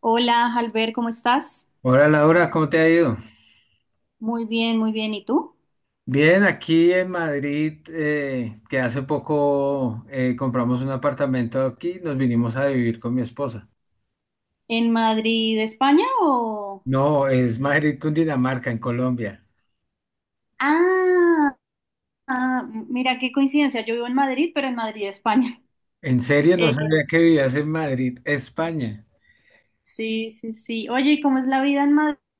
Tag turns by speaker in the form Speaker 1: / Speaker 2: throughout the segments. Speaker 1: Hola, Albert, ¿cómo estás?
Speaker 2: Hola Laura, ¿cómo te ha ido?
Speaker 1: Muy bien, muy bien. ¿Y tú?
Speaker 2: Bien, aquí en Madrid, que hace poco compramos un apartamento aquí, nos vinimos a vivir con mi esposa.
Speaker 1: ¿En Madrid, España o...?
Speaker 2: No, es Madrid, Cundinamarca, en Colombia.
Speaker 1: Ah, ah, mira qué coincidencia. Yo vivo en Madrid, pero en Madrid, España.
Speaker 2: En serio, no
Speaker 1: Eh,
Speaker 2: sabía que vivías en Madrid, España.
Speaker 1: sí, sí, sí. Oye, ¿y cómo es la vida en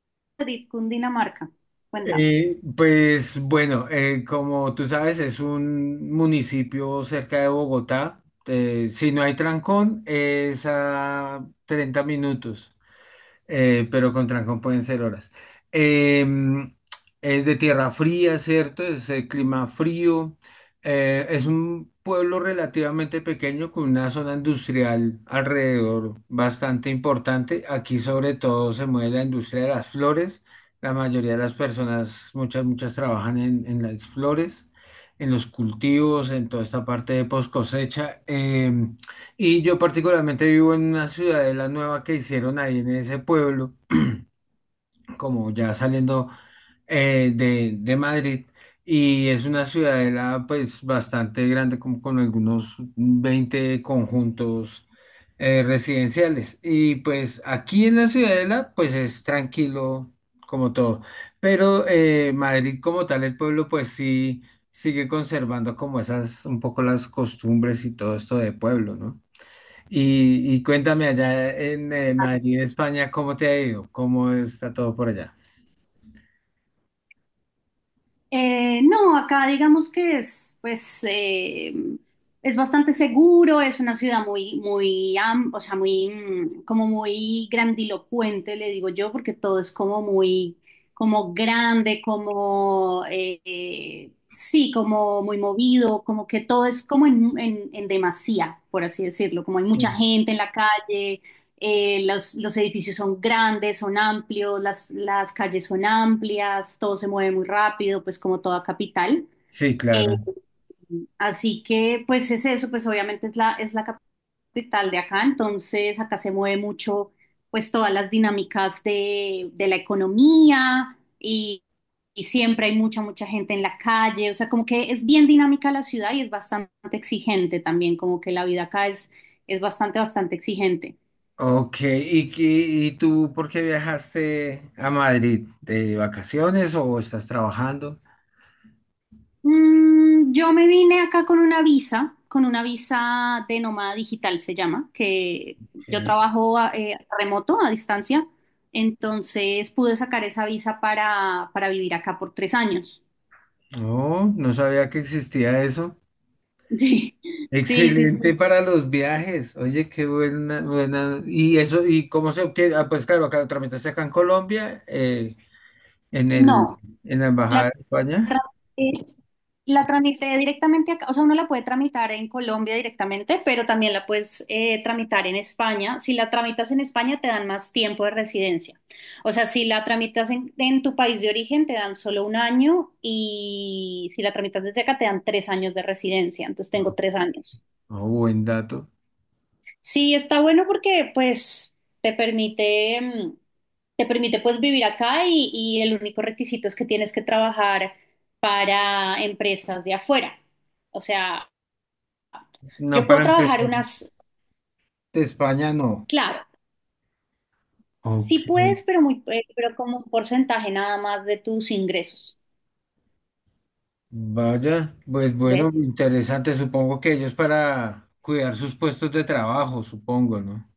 Speaker 1: Madrid, Cundinamarca? Cuéntame.
Speaker 2: Pues bueno, como tú sabes, es un municipio cerca de Bogotá. Si no hay trancón, es a 30 minutos, pero con trancón pueden ser horas. Em, es de tierra fría, ¿cierto? Es de clima frío. Es un pueblo relativamente pequeño con una zona industrial alrededor bastante importante. Aquí sobre todo se mueve la industria de las flores. La mayoría de las personas, muchas, muchas trabajan en las flores, en los cultivos, en toda esta parte de post cosecha. Y yo particularmente vivo en una ciudadela nueva que hicieron ahí en ese pueblo, como ya saliendo de Madrid. Y es una ciudadela pues bastante grande, como con algunos 20 conjuntos residenciales. Y pues aquí en la ciudadela pues es tranquilo como todo. Pero Madrid como tal, el pueblo pues sí sigue conservando como esas un poco las costumbres y todo esto de pueblo, ¿no? Y cuéntame allá en Madrid, España, ¿cómo te ha ido? ¿Cómo está todo por allá?
Speaker 1: No, acá digamos que es, pues, es bastante seguro, es una ciudad muy, o sea, como muy grandilocuente, le digo yo, porque todo es como muy, como grande, como, sí, como muy movido, como que todo es como en, en demasía, por así decirlo, como hay mucha
Speaker 2: Sí.
Speaker 1: gente en la calle, los edificios son grandes, son amplios, las calles son amplias, todo se mueve muy rápido, pues como toda capital.
Speaker 2: Sí,
Speaker 1: Eh,
Speaker 2: claro.
Speaker 1: así que pues es eso, pues obviamente es es la capital de acá, entonces acá se mueve mucho pues todas las dinámicas de la economía y siempre hay mucha, mucha gente en la calle, o sea, como que es bien dinámica la ciudad y es bastante exigente también, como que la vida acá es bastante, bastante exigente.
Speaker 2: Ok, ¿ y tú por qué viajaste a Madrid? ¿De vacaciones o estás trabajando?
Speaker 1: Yo me vine acá con una visa de nómada digital se llama, que yo
Speaker 2: Ok.
Speaker 1: trabajo remoto, a distancia, entonces pude sacar esa visa para vivir acá por 3 años.
Speaker 2: No, no sabía que existía eso.
Speaker 1: Sí, sí, sí,
Speaker 2: Excelente
Speaker 1: sí.
Speaker 2: para los viajes. Oye, qué buena, buena. Y eso, ¿y cómo se obtiene? Ah, pues claro, acá lo tramitaste acá en Colombia, en el,
Speaker 1: No,
Speaker 2: en la Embajada
Speaker 1: la
Speaker 2: de España.
Speaker 1: tramité- la tramité directamente acá, o sea, uno la puede tramitar en Colombia directamente, pero también la puedes tramitar en España. Si la tramitas en España, te dan más tiempo de residencia. O sea, si la tramitas en tu país de origen, te dan solo 1 año y si la tramitas desde acá, te dan 3 años de residencia. Entonces tengo 3 años.
Speaker 2: Oh, buen dato.
Speaker 1: Sí, está bueno porque pues te permite, te permite pues vivir acá y el único requisito es que tienes que trabajar para empresas de afuera. O sea,
Speaker 2: No,
Speaker 1: yo
Speaker 2: para
Speaker 1: puedo trabajar
Speaker 2: empezar,
Speaker 1: unas,
Speaker 2: de España no.
Speaker 1: claro,
Speaker 2: Ok.
Speaker 1: sí puedes, pero pero como un porcentaje nada más de tus ingresos,
Speaker 2: Vaya, pues bueno,
Speaker 1: ¿ves?
Speaker 2: interesante. Supongo que ellos para cuidar sus puestos de trabajo, supongo, ¿no?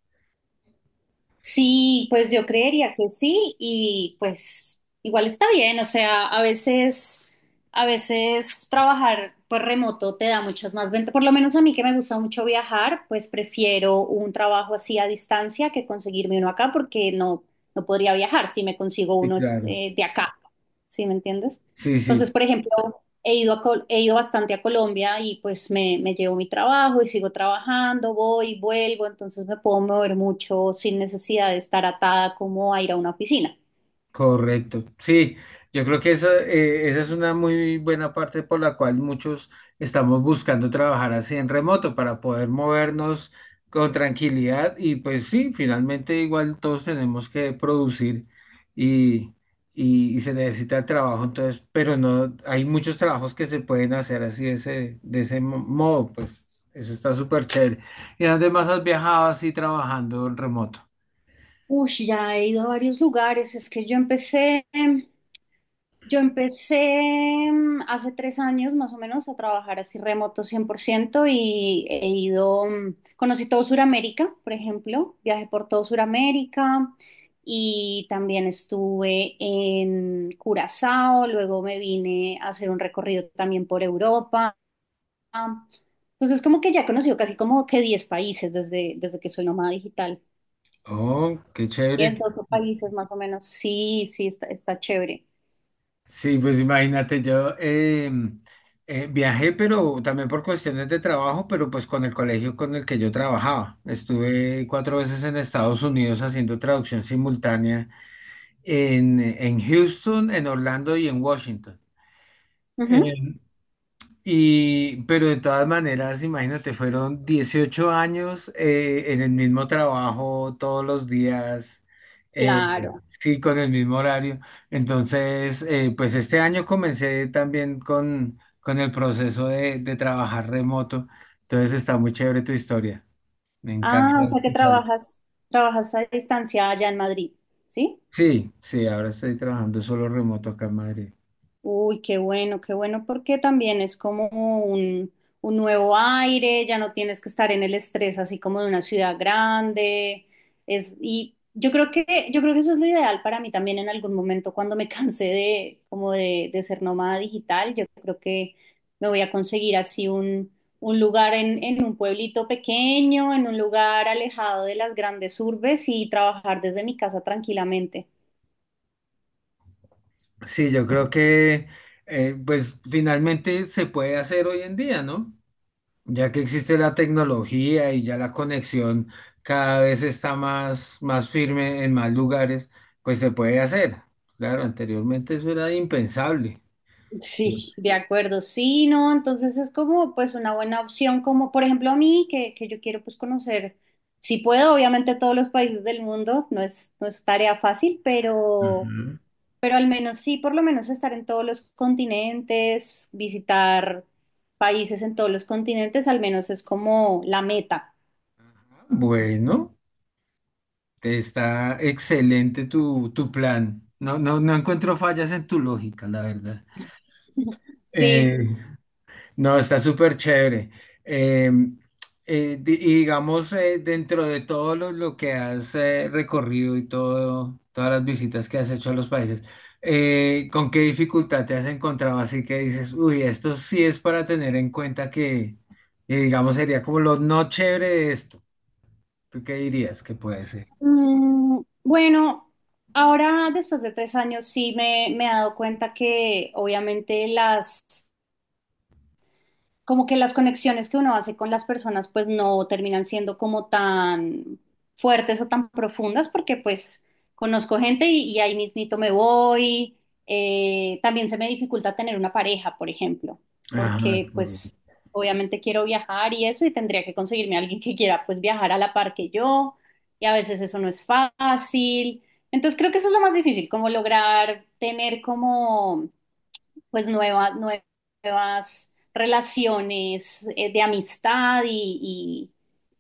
Speaker 1: Sí, pues yo creería que sí y pues igual está bien, o sea, a veces trabajar pues remoto te da muchas más ventajas, por lo menos a mí que me gusta mucho viajar, pues prefiero un trabajo así a distancia que conseguirme uno acá porque no, no podría viajar si me consigo
Speaker 2: Sí,
Speaker 1: uno
Speaker 2: claro.
Speaker 1: eh, de acá, ¿sí me entiendes?
Speaker 2: Sí, sí.
Speaker 1: Entonces, por ejemplo, he ido bastante a Colombia y pues me llevo mi trabajo y sigo trabajando, voy, vuelvo, entonces me puedo mover mucho sin necesidad de estar atada como a ir a una oficina.
Speaker 2: Correcto. Sí, yo creo que esa, esa es una muy buena parte por la cual muchos estamos buscando trabajar así en remoto para poder movernos con tranquilidad y pues sí, finalmente igual todos tenemos que producir y, y se necesita el trabajo, entonces, pero no, hay muchos trabajos que se pueden hacer así de ese, modo, pues eso está súper chévere. ¿Y además has viajado así trabajando en remoto?
Speaker 1: Uy, ya he ido a varios lugares. Es que yo empecé, yo empecé hace 3 años más o menos a trabajar así remoto 100% y he ido, conocí todo Sudamérica, por ejemplo, viajé por todo Sudamérica y también estuve en Curazao, luego me vine a hacer un recorrido también por Europa. Entonces, como que ya he conocido casi como que 10 países desde, desde que soy nómada digital.
Speaker 2: Oh, qué chévere.
Speaker 1: 10, 12 países más o menos. Sí, sí, está, está chévere.
Speaker 2: Sí, pues imagínate, yo viajé, pero también por cuestiones de trabajo, pero pues con el colegio con el que yo trabajaba. Estuve 4 veces en Estados Unidos haciendo traducción simultánea en Houston, en Orlando y en Washington.
Speaker 1: Ujú,
Speaker 2: Eh, pero de todas maneras, imagínate, fueron 18 años en el mismo trabajo, todos los días, eh,
Speaker 1: claro.
Speaker 2: sí, con el mismo horario. Entonces, pues este año comencé también con el proceso de trabajar remoto. Entonces está muy chévere tu historia. Me encanta
Speaker 1: Ah, o sea que
Speaker 2: escucharlo.
Speaker 1: trabajas, trabajas a distancia allá en Madrid, ¿sí?
Speaker 2: Sí, sí, ahora estoy trabajando solo remoto acá en Madrid.
Speaker 1: Uy, qué bueno, porque también es como un nuevo aire, ya no tienes que estar en el estrés así como de una ciudad grande. Es, y yo creo que eso es lo ideal para mí también en algún momento cuando me cansé de, como de ser nómada digital. Yo creo que me voy a conseguir así un lugar en un pueblito pequeño, en un lugar alejado de las grandes urbes y trabajar desde mi casa tranquilamente.
Speaker 2: Sí, yo creo que pues finalmente se puede hacer hoy en día, ¿no? Ya que existe la tecnología y ya la conexión cada vez está más, más firme en más lugares, pues se puede hacer. Claro, anteriormente eso era impensable.
Speaker 1: Sí, de acuerdo. Sí, no, entonces es como pues una buena opción, como por ejemplo a mí, que yo quiero pues conocer, si puedo, obviamente todos los países del mundo, no es, no es tarea fácil,
Speaker 2: Ujú.
Speaker 1: pero al menos sí, por lo menos estar en todos los continentes, visitar países en todos los continentes, al menos es como la meta.
Speaker 2: Bueno, está excelente tu, tu plan. No, no, no encuentro fallas en tu lógica, la verdad.
Speaker 1: Sí,
Speaker 2: Eh,
Speaker 1: sí.
Speaker 2: No, está súper chévere. Eh, y digamos, dentro de todo lo que has recorrido y todo, todas las visitas que has hecho a los países, ¿con qué dificultad te has encontrado? Así que dices, uy, esto sí es para tener en cuenta que, digamos, sería como lo no chévere de esto. ¿Tú qué dirías que puede ser?
Speaker 1: Bueno, ahora después de 3 años sí me he dado cuenta que obviamente las como que las conexiones que uno hace con las personas pues no terminan siendo como tan fuertes o tan profundas porque pues conozco gente y ahí mismito me voy. También se me dificulta tener una pareja, por ejemplo,
Speaker 2: Ajá,
Speaker 1: porque
Speaker 2: correcto.
Speaker 1: pues obviamente quiero viajar y eso y tendría que conseguirme a alguien que quiera pues viajar a la par que yo y a veces eso no es fácil. Entonces creo que eso es lo más difícil, como lograr tener como pues nuevas, nuevas relaciones de amistad y,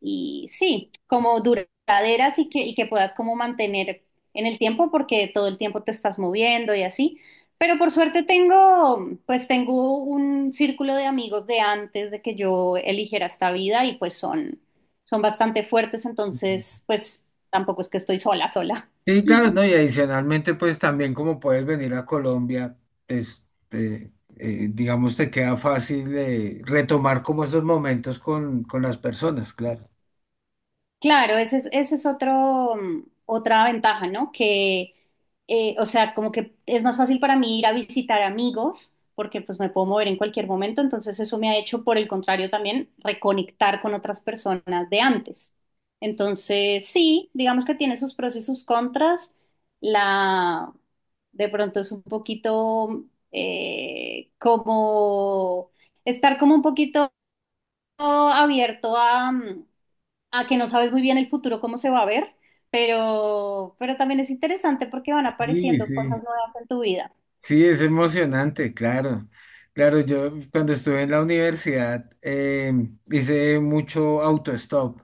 Speaker 1: y sí, como duraderas y que puedas como mantener en el tiempo porque todo el tiempo te estás moviendo y así. Pero por suerte tengo, pues tengo un círculo de amigos de antes de que yo eligiera esta vida y pues son, son bastante fuertes, entonces pues tampoco es que estoy sola, sola.
Speaker 2: Sí, claro, ¿no? Y adicionalmente, pues también como puedes venir a Colombia, este, digamos, te queda fácil retomar como esos momentos con las personas, claro.
Speaker 1: Claro, ese es otro, otra ventaja, ¿no? O sea, como que es más fácil para mí ir a visitar amigos, porque pues me puedo mover en cualquier momento, entonces eso me ha hecho, por el contrario, también reconectar con otras personas de antes. Entonces, sí, digamos que tiene sus pros y sus contras. La, de pronto es un poquito como estar como un poquito abierto a, a que no sabes muy bien el futuro cómo se va a ver, pero también es interesante porque van
Speaker 2: Sí,
Speaker 1: apareciendo cosas
Speaker 2: sí,
Speaker 1: nuevas en tu vida.
Speaker 2: sí, es emocionante, claro. Claro, yo cuando estuve en la universidad hice mucho autostop.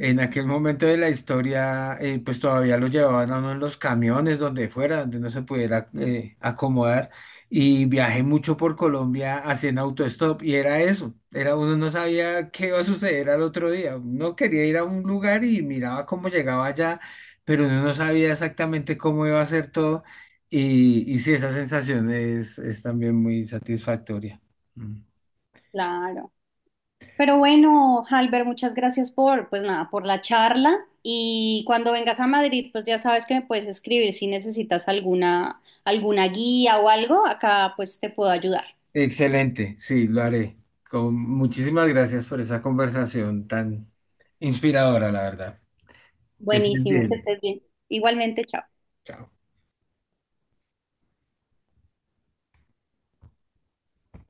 Speaker 2: En aquel momento de la historia, pues todavía lo llevaban a uno en los camiones, donde fuera, donde no se pudiera acomodar. Y viajé mucho por Colombia haciendo autostop y era eso. Era, uno no sabía qué iba a suceder al otro día. Uno quería ir a un lugar y miraba cómo llegaba allá, pero uno no sabía exactamente cómo iba a ser todo. Y sí, esa sensación es también muy satisfactoria. Mm.
Speaker 1: Claro. Pero bueno, Halber, muchas gracias por, pues nada, por la charla. Y cuando vengas a Madrid, pues ya sabes que me puedes escribir si necesitas alguna, alguna guía o algo, acá pues te puedo ayudar.
Speaker 2: Excelente, sí, lo haré. Con, muchísimas gracias por esa conversación tan inspiradora, la verdad. Que estés
Speaker 1: Buenísimo, que
Speaker 2: bien.
Speaker 1: estés bien. Igualmente, chao.
Speaker 2: Chao.